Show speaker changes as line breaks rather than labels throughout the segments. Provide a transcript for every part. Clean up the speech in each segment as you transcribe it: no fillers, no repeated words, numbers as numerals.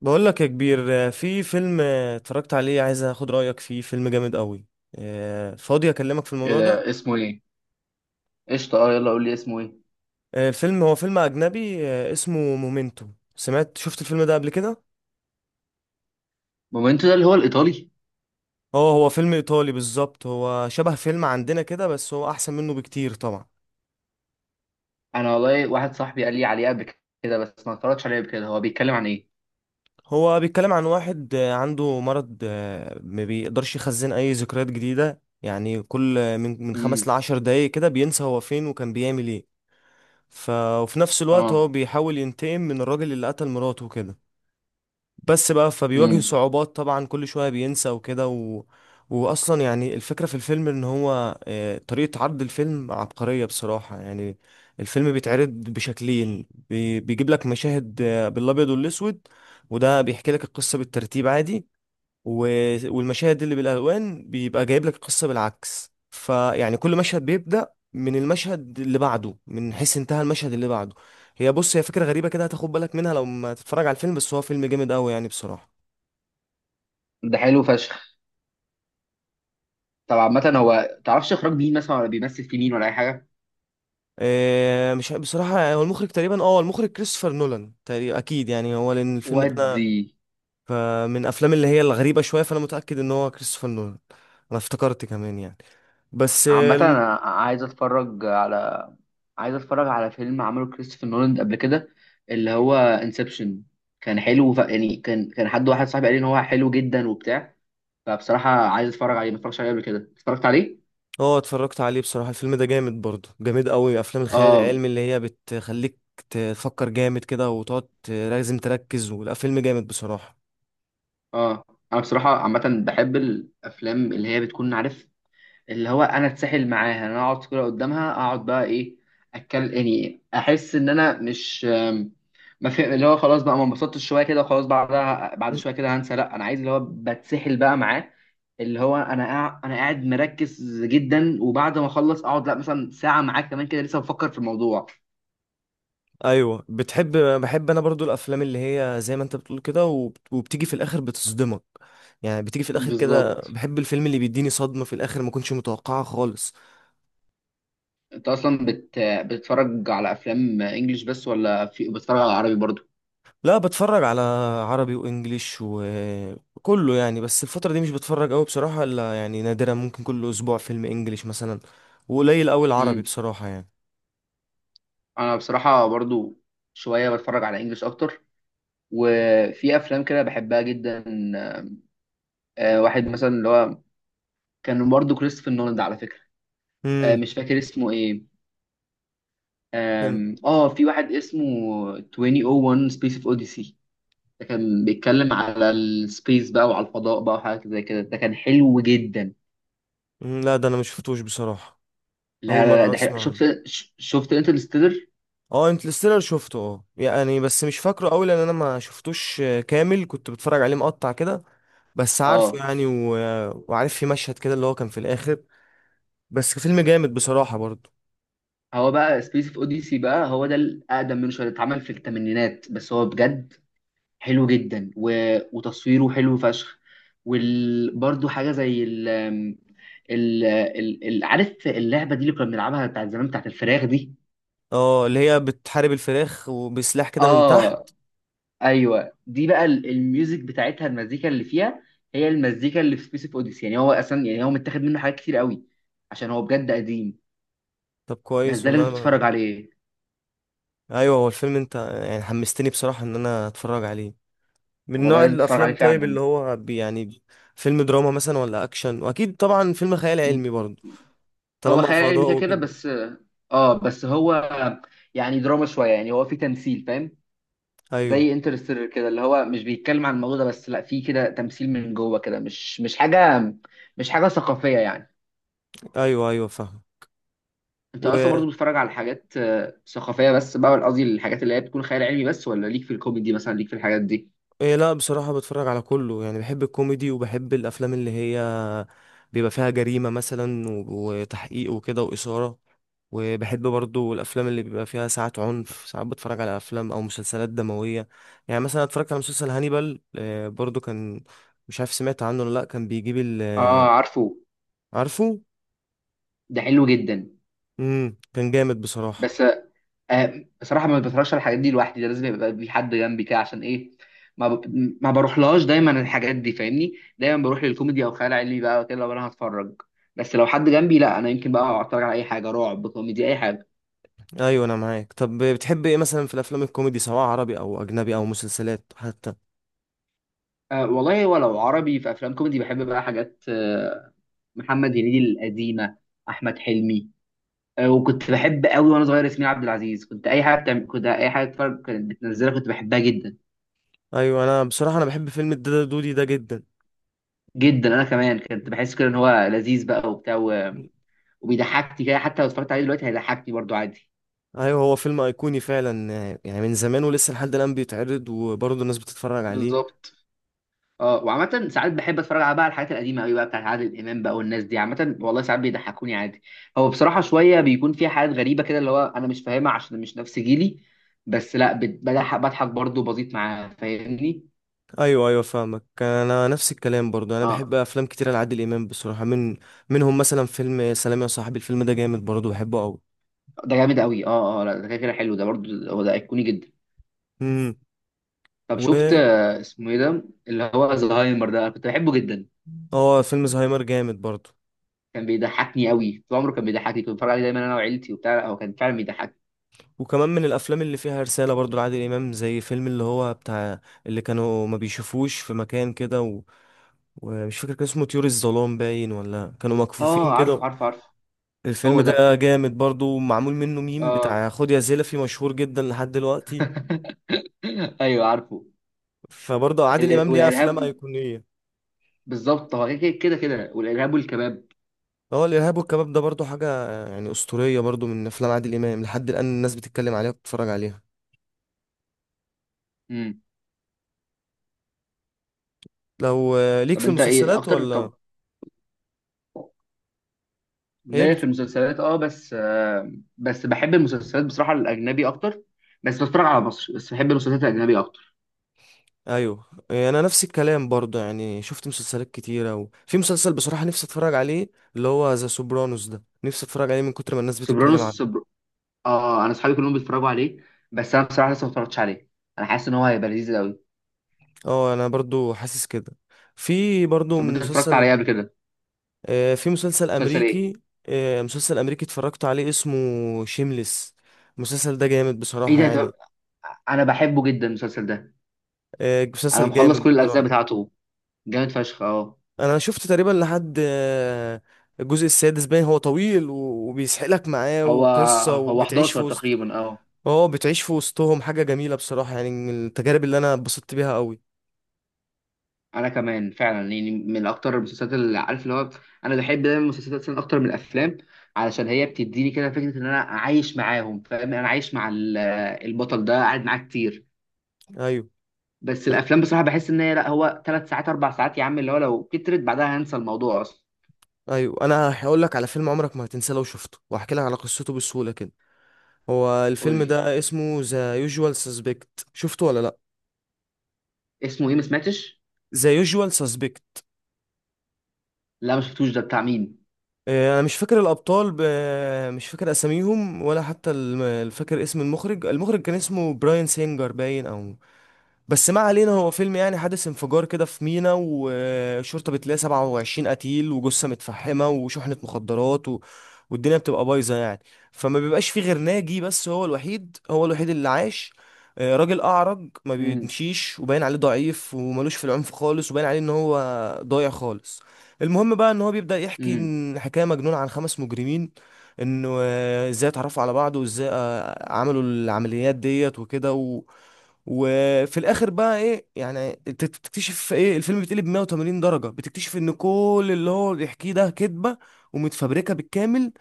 بقول لك يا كبير، في فيلم اتفرجت عليه، عايز اخد رأيك فيه. فيلم جامد قوي. فاضي اكلمك في
ايه
الموضوع ده؟
ده اسمه ايه؟ قشطه، اه، يلا قول لي اسمه ايه.
الفيلم هو فيلم اجنبي، اسمه مومنتو. شفت الفيلم ده قبل كده؟
مومنتو ده اللي هو الايطالي؟
اه، هو فيلم ايطالي بالظبط. هو شبه فيلم عندنا كده، بس هو احسن منه بكتير طبعا.
انا والله واحد صاحبي قال لي عليه قبل كده، بس ما اتفرجتش عليه قبل كده. هو بيتكلم عن ايه؟
هو بيتكلم عن واحد عنده مرض، ما بيقدرش يخزن اي ذكريات جديدة. يعني كل من خمس
امم.
لعشر دقايق كده بينسى هو فين وكان بيعمل ايه. ف... وفي نفس الوقت
اه.
هو بيحاول ينتقم من الراجل اللي قتل مراته وكده. بس بقى فبيواجه
امم.
صعوبات طبعا، كل شوية بينسى وكده وأصلا يعني الفكرة في الفيلم إن هو طريقة عرض الفيلم عبقرية بصراحة يعني. الفيلم بيتعرض بشكلين. بيجيب لك مشاهد بالأبيض والأسود، وده بيحكي لك القصة بالترتيب عادي. و... والمشاهد اللي بالالوان بيبقى جايب لك القصه بالعكس. فيعني كل مشهد بيبدا من المشهد اللي بعده، من حيث انتهى المشهد اللي بعده. بص، هي فكره غريبه كده هتاخد بالك منها لو ما تتفرج على الفيلم. بس هو فيلم جامد قوي يعني بصراحه.
ده حلو فشخ. طب عامه هو تعرفش اخراج مين مثلا، ولا بيمثل في مين، ولا اي حاجه؟
إيه، مش ع- بصراحه هو المخرج تقريبا، المخرج كريستوفر نولان تقريبا اكيد يعني هو، لان الفيلم ده انا
ودي.
فمن افلام اللي هي الغريبه شويه، فانا متاكد ان هو كريستوفر نولان. انا افتكرت كمان يعني. بس.
عامه انا عايز اتفرج على فيلم عمله كريستوفر نولان قبل كده، اللي هو انسبشن، كان حلو. يعني كان حد، واحد صاحبي، قال لي ان هو حلو جدا وبتاع. فبصراحه عايز اتفرج عليه، ما اتفرجتش عليه قبل كده، اتفرجت عليه.
اه، اتفرجت عليه بصراحة. الفيلم ده جامد برضه، جامد قوي. افلام الخيال
اه،
العلمي اللي هي بتخليك تفكر جامد كده، وتقعد لازم تركز. ولا فيلم جامد بصراحة.
اه. انا بصراحه عامه بحب الافلام اللي هي بتكون عارف اللي هو انا اتسحل معاها، انا اقعد كده قدامها اقعد بقى ايه، اتكلم يعني، احس ان انا مش ما في اللي هو خلاص بقى ما انبسطتش شويه كده وخلاص، بعدها بعد
مم.
شويه كده هنسى، لا انا عايز اللي هو بتسحل بقى معاه. اللي هو انا انا قاعد مركز جدا، وبعد ما اخلص اقعد لا مثلا ساعه معاه كمان كده لسه بفكر في الموضوع.
ايوه، بحب انا برضو الافلام اللي هي زي ما انت بتقول كده، وبتيجي في الاخر بتصدمك. يعني بتيجي في الاخر كده،
بالظبط.
بحب الفيلم اللي بيديني صدمة في الاخر ما كنتش متوقعها خالص.
انت اصلا بتتفرج على افلام انجليش بس، ولا في بتتفرج على عربي برضه؟
لا، بتفرج على عربي وانجليش وكله يعني. بس الفترة دي مش بتفرج قوي بصراحة، الا يعني نادرا. ممكن كل اسبوع فيلم انجليش مثلا، وقليل قوي العربي
مم.
بصراحة يعني.
انا بصراحه برضو شويه بتفرج على انجلش اكتر، وفي افلام كده بحبها جدا. واحد مثلا، اللي هو كان برضو كريستوفر نولان ده على فكره.
امم.
مش فاكر اسمه ايه.
كان-
اه، في واحد اسمه 2001 سبيس اوف اوديسي. ده كان بيتكلم على السبيس بقى وعلى الفضاء بقى وحاجات زي كده، ده كان حلو جدا.
لا، ده انا مش شفتوش بصراحة. اول
لا، لا، لا،
مرة
ده حلو.
اسمع عنه.
شفت شفت انترستيلر.
اه، انترستيلر شفته. اه يعني بس مش فاكره قوي، لان انا ما شفتوش كامل. كنت بتفرج عليه مقطع كده، بس عارفه
اه.
يعني وعارف في مشهد كده اللي هو كان في الاخر. بس فيلم جامد بصراحة برضه.
هو بقى سبيس اوف اوديسي بقى، هو ده الاقدم منه شويه، اتعمل في الثمانينات، بس هو بجد حلو جدا. وتصويره حلو فشخ. برضو حاجه زي عارف اللعبه دي اللي كنا بنلعبها بتاعت زمان بتاعت الفراخ دي.
اه، اللي هي بتحارب الفراخ وبسلاح كده من
اه.
تحت.
ايوه دي بقى الميوزك بتاعتها، المزيكا اللي فيها هي المزيكا اللي في سبيس اوف اوديسي، يعني هو اصلا يعني هو متاخد منه حاجات كتير قوي عشان هو بجد قديم.
طب،
بس
كويس
ده
والله.
لازم
انا
تتفرج عليه.
ايوه، هو الفيلم انت يعني حمستني بصراحة ان انا اتفرج عليه. من
والله
نوع
لازم تتفرج عليه
الافلام، طيب، اللي
فعلا.
هو يعني فيلم دراما مثلا، ولا اكشن؟ واكيد طبعا فيلم خيال علمي برضه،
هو
طالما
خيال علمي
فضاء
كده كده
وكده.
بس. اه، بس هو يعني دراما شويه، يعني هو في تمثيل، فاهم؟
ايوه،
زي انترستيلر كده، اللي هو مش بيتكلم عن الموضوع ده بس، لا في كده تمثيل من جوه كده، مش حاجه، مش حاجه ثقافيه يعني.
ايوه، ايوه، فاهم.
انت
و
اصلا برضو بتتفرج على حاجات ثقافيه بس بقى، ولا قصدي الحاجات اللي هي بتكون خيال علمي بس، ولا ليك في الكوميدي مثلا، ليك في الحاجات دي؟
إيه، لا بصراحة، بتفرج على كله يعني. بحب الكوميدي، وبحب الافلام اللي هي بيبقى فيها جريمة مثلا وتحقيق وكده وإثارة. وبحب برضو الافلام اللي بيبقى فيها ساعات عنف. ساعات بتفرج على افلام او مسلسلات دمويه. يعني مثلا اتفرجت على مسلسل هانيبال، برضو كان. مش عارف سمعت عنه ولا لا. كان بيجيب ال
اه، عارفه.
عارفه.
ده حلو جدا.
امم. كان جامد بصراحه.
بس بصراحه ما بتفرجش على الحاجات دي لوحدي، ده لازم يبقى في حد جنبي كده عشان ايه. ما ب... ما بروحلهاش دايما الحاجات دي، فاهمني؟ دايما بروح للكوميدي او خيال علمي بقى كده لو انا هتفرج، بس لو حد جنبي لا انا يمكن بقى اتفرج على اي حاجه، رعب، كوميدي، اي حاجه.
ايوه، انا معاك. طب بتحب ايه مثلا في الافلام الكوميدي، سواء عربي او اجنبي او مسلسلات حتى؟
والله، ولو عربي في افلام كوميدي بحب بقى حاجات آه، محمد هنيدي القديمه، احمد حلمي. وكنت بحب قوي وانا صغير ياسمين عبد العزيز، كنت اي حاجه بتعمل كنت اي حاجه اتفرج، كانت بتنزلها كنت بحبها جدا.
ايوه، انا بصراحه بحب فيلم الدادا دودي ده جدا.
جدا، انا كمان كنت بحس كده ان هو لذيذ بقى وبتاع، وبيضحكني كده، حتى لو اتفرجت عليه دلوقتي هيضحكني برضو عادي.
ايوه، هو فيلم ايقوني فعلا، يعني من زمان ولسه لحد الان بيتعرض، وبرضه الناس بتتفرج عليه.
بالظبط. اه، وعامة ساعات بحب اتفرج على بقى على الحاجات القديمة قوي بقى بتاعت عادل امام بقى والناس دي، عامة والله ساعات بيضحكوني عادي. هو بصراحة شوية بيكون فيها حاجات غريبة كده اللي هو انا مش فاهمها عشان مش نفس جيلي، بس لا بضحك برضه بسيط معاه، فاهمني؟
ايوه، ايوه، فاهمك. انا نفس الكلام برضو. انا
اه.
بحب افلام كتير لعادل امام بصراحه، منهم مثلا فيلم سلام يا صاحبي. الفيلم ده جامد برضو، بحبه قوي.
ده جامد قوي. اه، اه، لا ده كده كده حلو، ده برضه هو ده ايقوني جدا.
امم.
طب
و
شفت اسمه ايه ده، اللي هو زهايمر ده؟ أنا كنت بحبه جدا،
اه، فيلم زهايمر جامد برضو.
كان بيضحكني قوي طول عمره، كان بيضحكني، كنت بتفرج عليه دايما انا وعيلتي وبتاع. لا، هو كان فعلا بيضحكني.
وكمان من الافلام اللي فيها رساله برضو لعادل امام، زي فيلم اللي هو بتاع اللي كانوا ما بيشوفوش في مكان كده ومش فاكر كان اسمه طيور الظلام باين، ولا كانوا
اه،
مكفوفين
عارف،
كده.
عارف، عارف.
الفيلم
هو ده.
ده جامد برضو، معمول منه ميم
اه.
بتاع خد يا زلفي، مشهور جدا لحد دلوقتي.
ايوه، عارفه.
فبرضه عادل امام ليه افلام
والارهاب.
ايقونيه.
بالظبط، هو كده كده كده، والارهاب والكباب.
هو الارهاب والكباب ده برضو حاجه يعني اسطوريه برضو، من افلام عادل امام لحد الان الناس بتتكلم عليها وبتتفرج عليها.
امم.
لو ليك
طب
في
انت ايه
المسلسلات
اكتر؟
ولا؟
طب،
ايه
ليا في
بت...
المسلسلات اه، بس بس بحب المسلسلات بصراحه الاجنبي اكتر. بس بتفرج على مصر، بس بحب المسلسلات الاجنبي اكتر.
ايوه، انا نفس الكلام برضو. يعني شفت مسلسلات كتيره، وفي مسلسل بصراحه نفسي اتفرج عليه، اللي هو ذا سوبرانوس. ده نفسي اتفرج عليه من كتر ما الناس بتتكلم
سوبرانوس،
عنه.
اه، انا اصحابي كلهم بيتفرجوا عليه، بس انا بصراحه لسه ما اتفرجتش عليه. انا حاسس ان هو هيبقى لذيذ قوي.
اه، انا برضو حاسس كده. في برضو
طب انت اتفرجت
مسلسل
عليه قبل كده؟
في مسلسل
مسلسل ايه؟
امريكي مسلسل امريكي اتفرجت عليه، اسمه شيمليس. المسلسل ده جامد بصراحه
ايه ده؟ طب
يعني،
انا بحبه جدا المسلسل ده. انا
مسلسل
مخلص
جامد
كل الاجزاء
بصراحة.
بتاعته، جامد فشخ. اه.
انا شفت تقريبا لحد الجزء السادس باين. هو طويل وبيسحلك معاه،
هو
وقصة، وبتعيش في
11
وسط.
تقريبا. اه.
اه، بتعيش في وسطهم. حاجة جميلة بصراحة يعني، من التجارب اللي انا اتبسطت بيها قوي.
انا كمان فعلا يعني من اكتر المسلسلات اللي عارف اللي هو، انا بحب دايما المسلسلات أصلاً اكتر من الافلام، علشان هي بتديني كده فكره ان انا عايش معاهم، فاهم، انا عايش مع البطل ده قاعد معاه كتير.
ايوه.
بس
أنا-
الافلام بصراحه بحس ان هي، لا هو 3 ساعات 4 ساعات يا عم، اللي هو لو كترت بعدها هنسى الموضوع اصلا.
ايوه، انا هقول لك على فيلم عمرك ما هتنساه لو شفته، وهحكي لك على قصته بسهولة كده. هو
قول
الفيلم
لي
ده اسمه ذا يوجوال سسبكت. شفته ولا لا؟
اسمه ايه، ما سمعتش.
ذا يوجوال سسبكت.
لا، ما شفتوش، ده بتاع مين؟
انا مش فاكر الابطال مش فاكر اساميهم، ولا حتى فاكر اسم المخرج. كان اسمه براين سينجر باين، او بس ما علينا. هو فيلم يعني حادث انفجار كده في مينا، والشرطة بتلاقي 27 قتيل وجثة متفحمة وشحنة مخدرات والدنيا بتبقى بايظة يعني. فما بيبقاش فيه غير ناجي، بس هو الوحيد اللي عاش. راجل أعرج ما
امم.
بيمشيش، وباين عليه ضعيف وملوش في العنف خالص، وباين عليه إن هو ضايع خالص. المهم بقى إن هو بيبدأ يحكي
امم.
إن حكاية مجنونة عن 5 مجرمين، إنه إزاي اتعرفوا على بعض، وإزاي عملوا العمليات ديت وكده وفي الاخر بقى ايه يعني؟ انت بتكتشف ايه؟ الفيلم بيتقلب 180 درجة، بتكتشف ان كل اللي هو بيحكيه ده كذبة ومتفبركة بالكامل.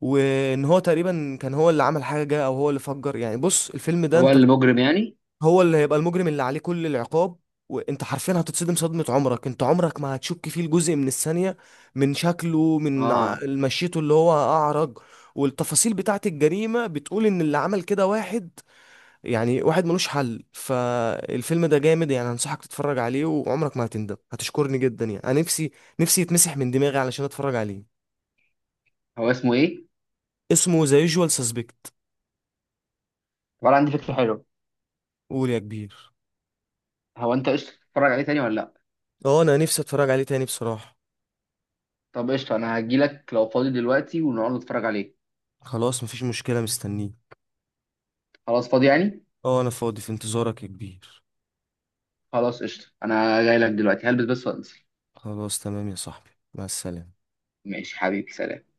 وان هو تقريبا كان هو اللي عمل حاجة، او هو اللي فجر يعني. بص الفيلم ده،
هو
انت
المجرم يعني؟
هو اللي هيبقى المجرم اللي عليه كل العقاب. وانت حرفيا هتتصدم صدمة عمرك. انت عمرك ما هتشك فيه لجزء من الثانية، من شكله،
اه.
مشيته اللي هو اعرج. والتفاصيل بتاعت الجريمة بتقول ان اللي عمل كده واحد، يعني واحد ملوش حل. فالفيلم ده جامد يعني، هنصحك تتفرج عليه وعمرك ما هتندم، هتشكرني جدا يعني. انا نفسي يتمسح من دماغي علشان اتفرج عليه.
هو اسمه ايه؟
اسمه ذا يوجوال سسبكت.
ولا، عندي فكره حلوه.
قول يا كبير.
هو انت قشطة تتفرج عليه تاني ولا لا؟
اه، انا نفسي اتفرج عليه تاني بصراحة.
طب قشطة، انا هجيلك لو فاضي دلوقتي ونقعد نتفرج عليه.
خلاص، مفيش مشكلة، مستنيه.
خلاص فاضي يعني.
اه، انا فاضي في انتظارك يا كبير.
خلاص قشطة، انا جايلك دلوقتي، هلبس بس وانزل.
خلاص، تمام يا صاحبي، مع السلامة.
ماشي حبيبي، سلام.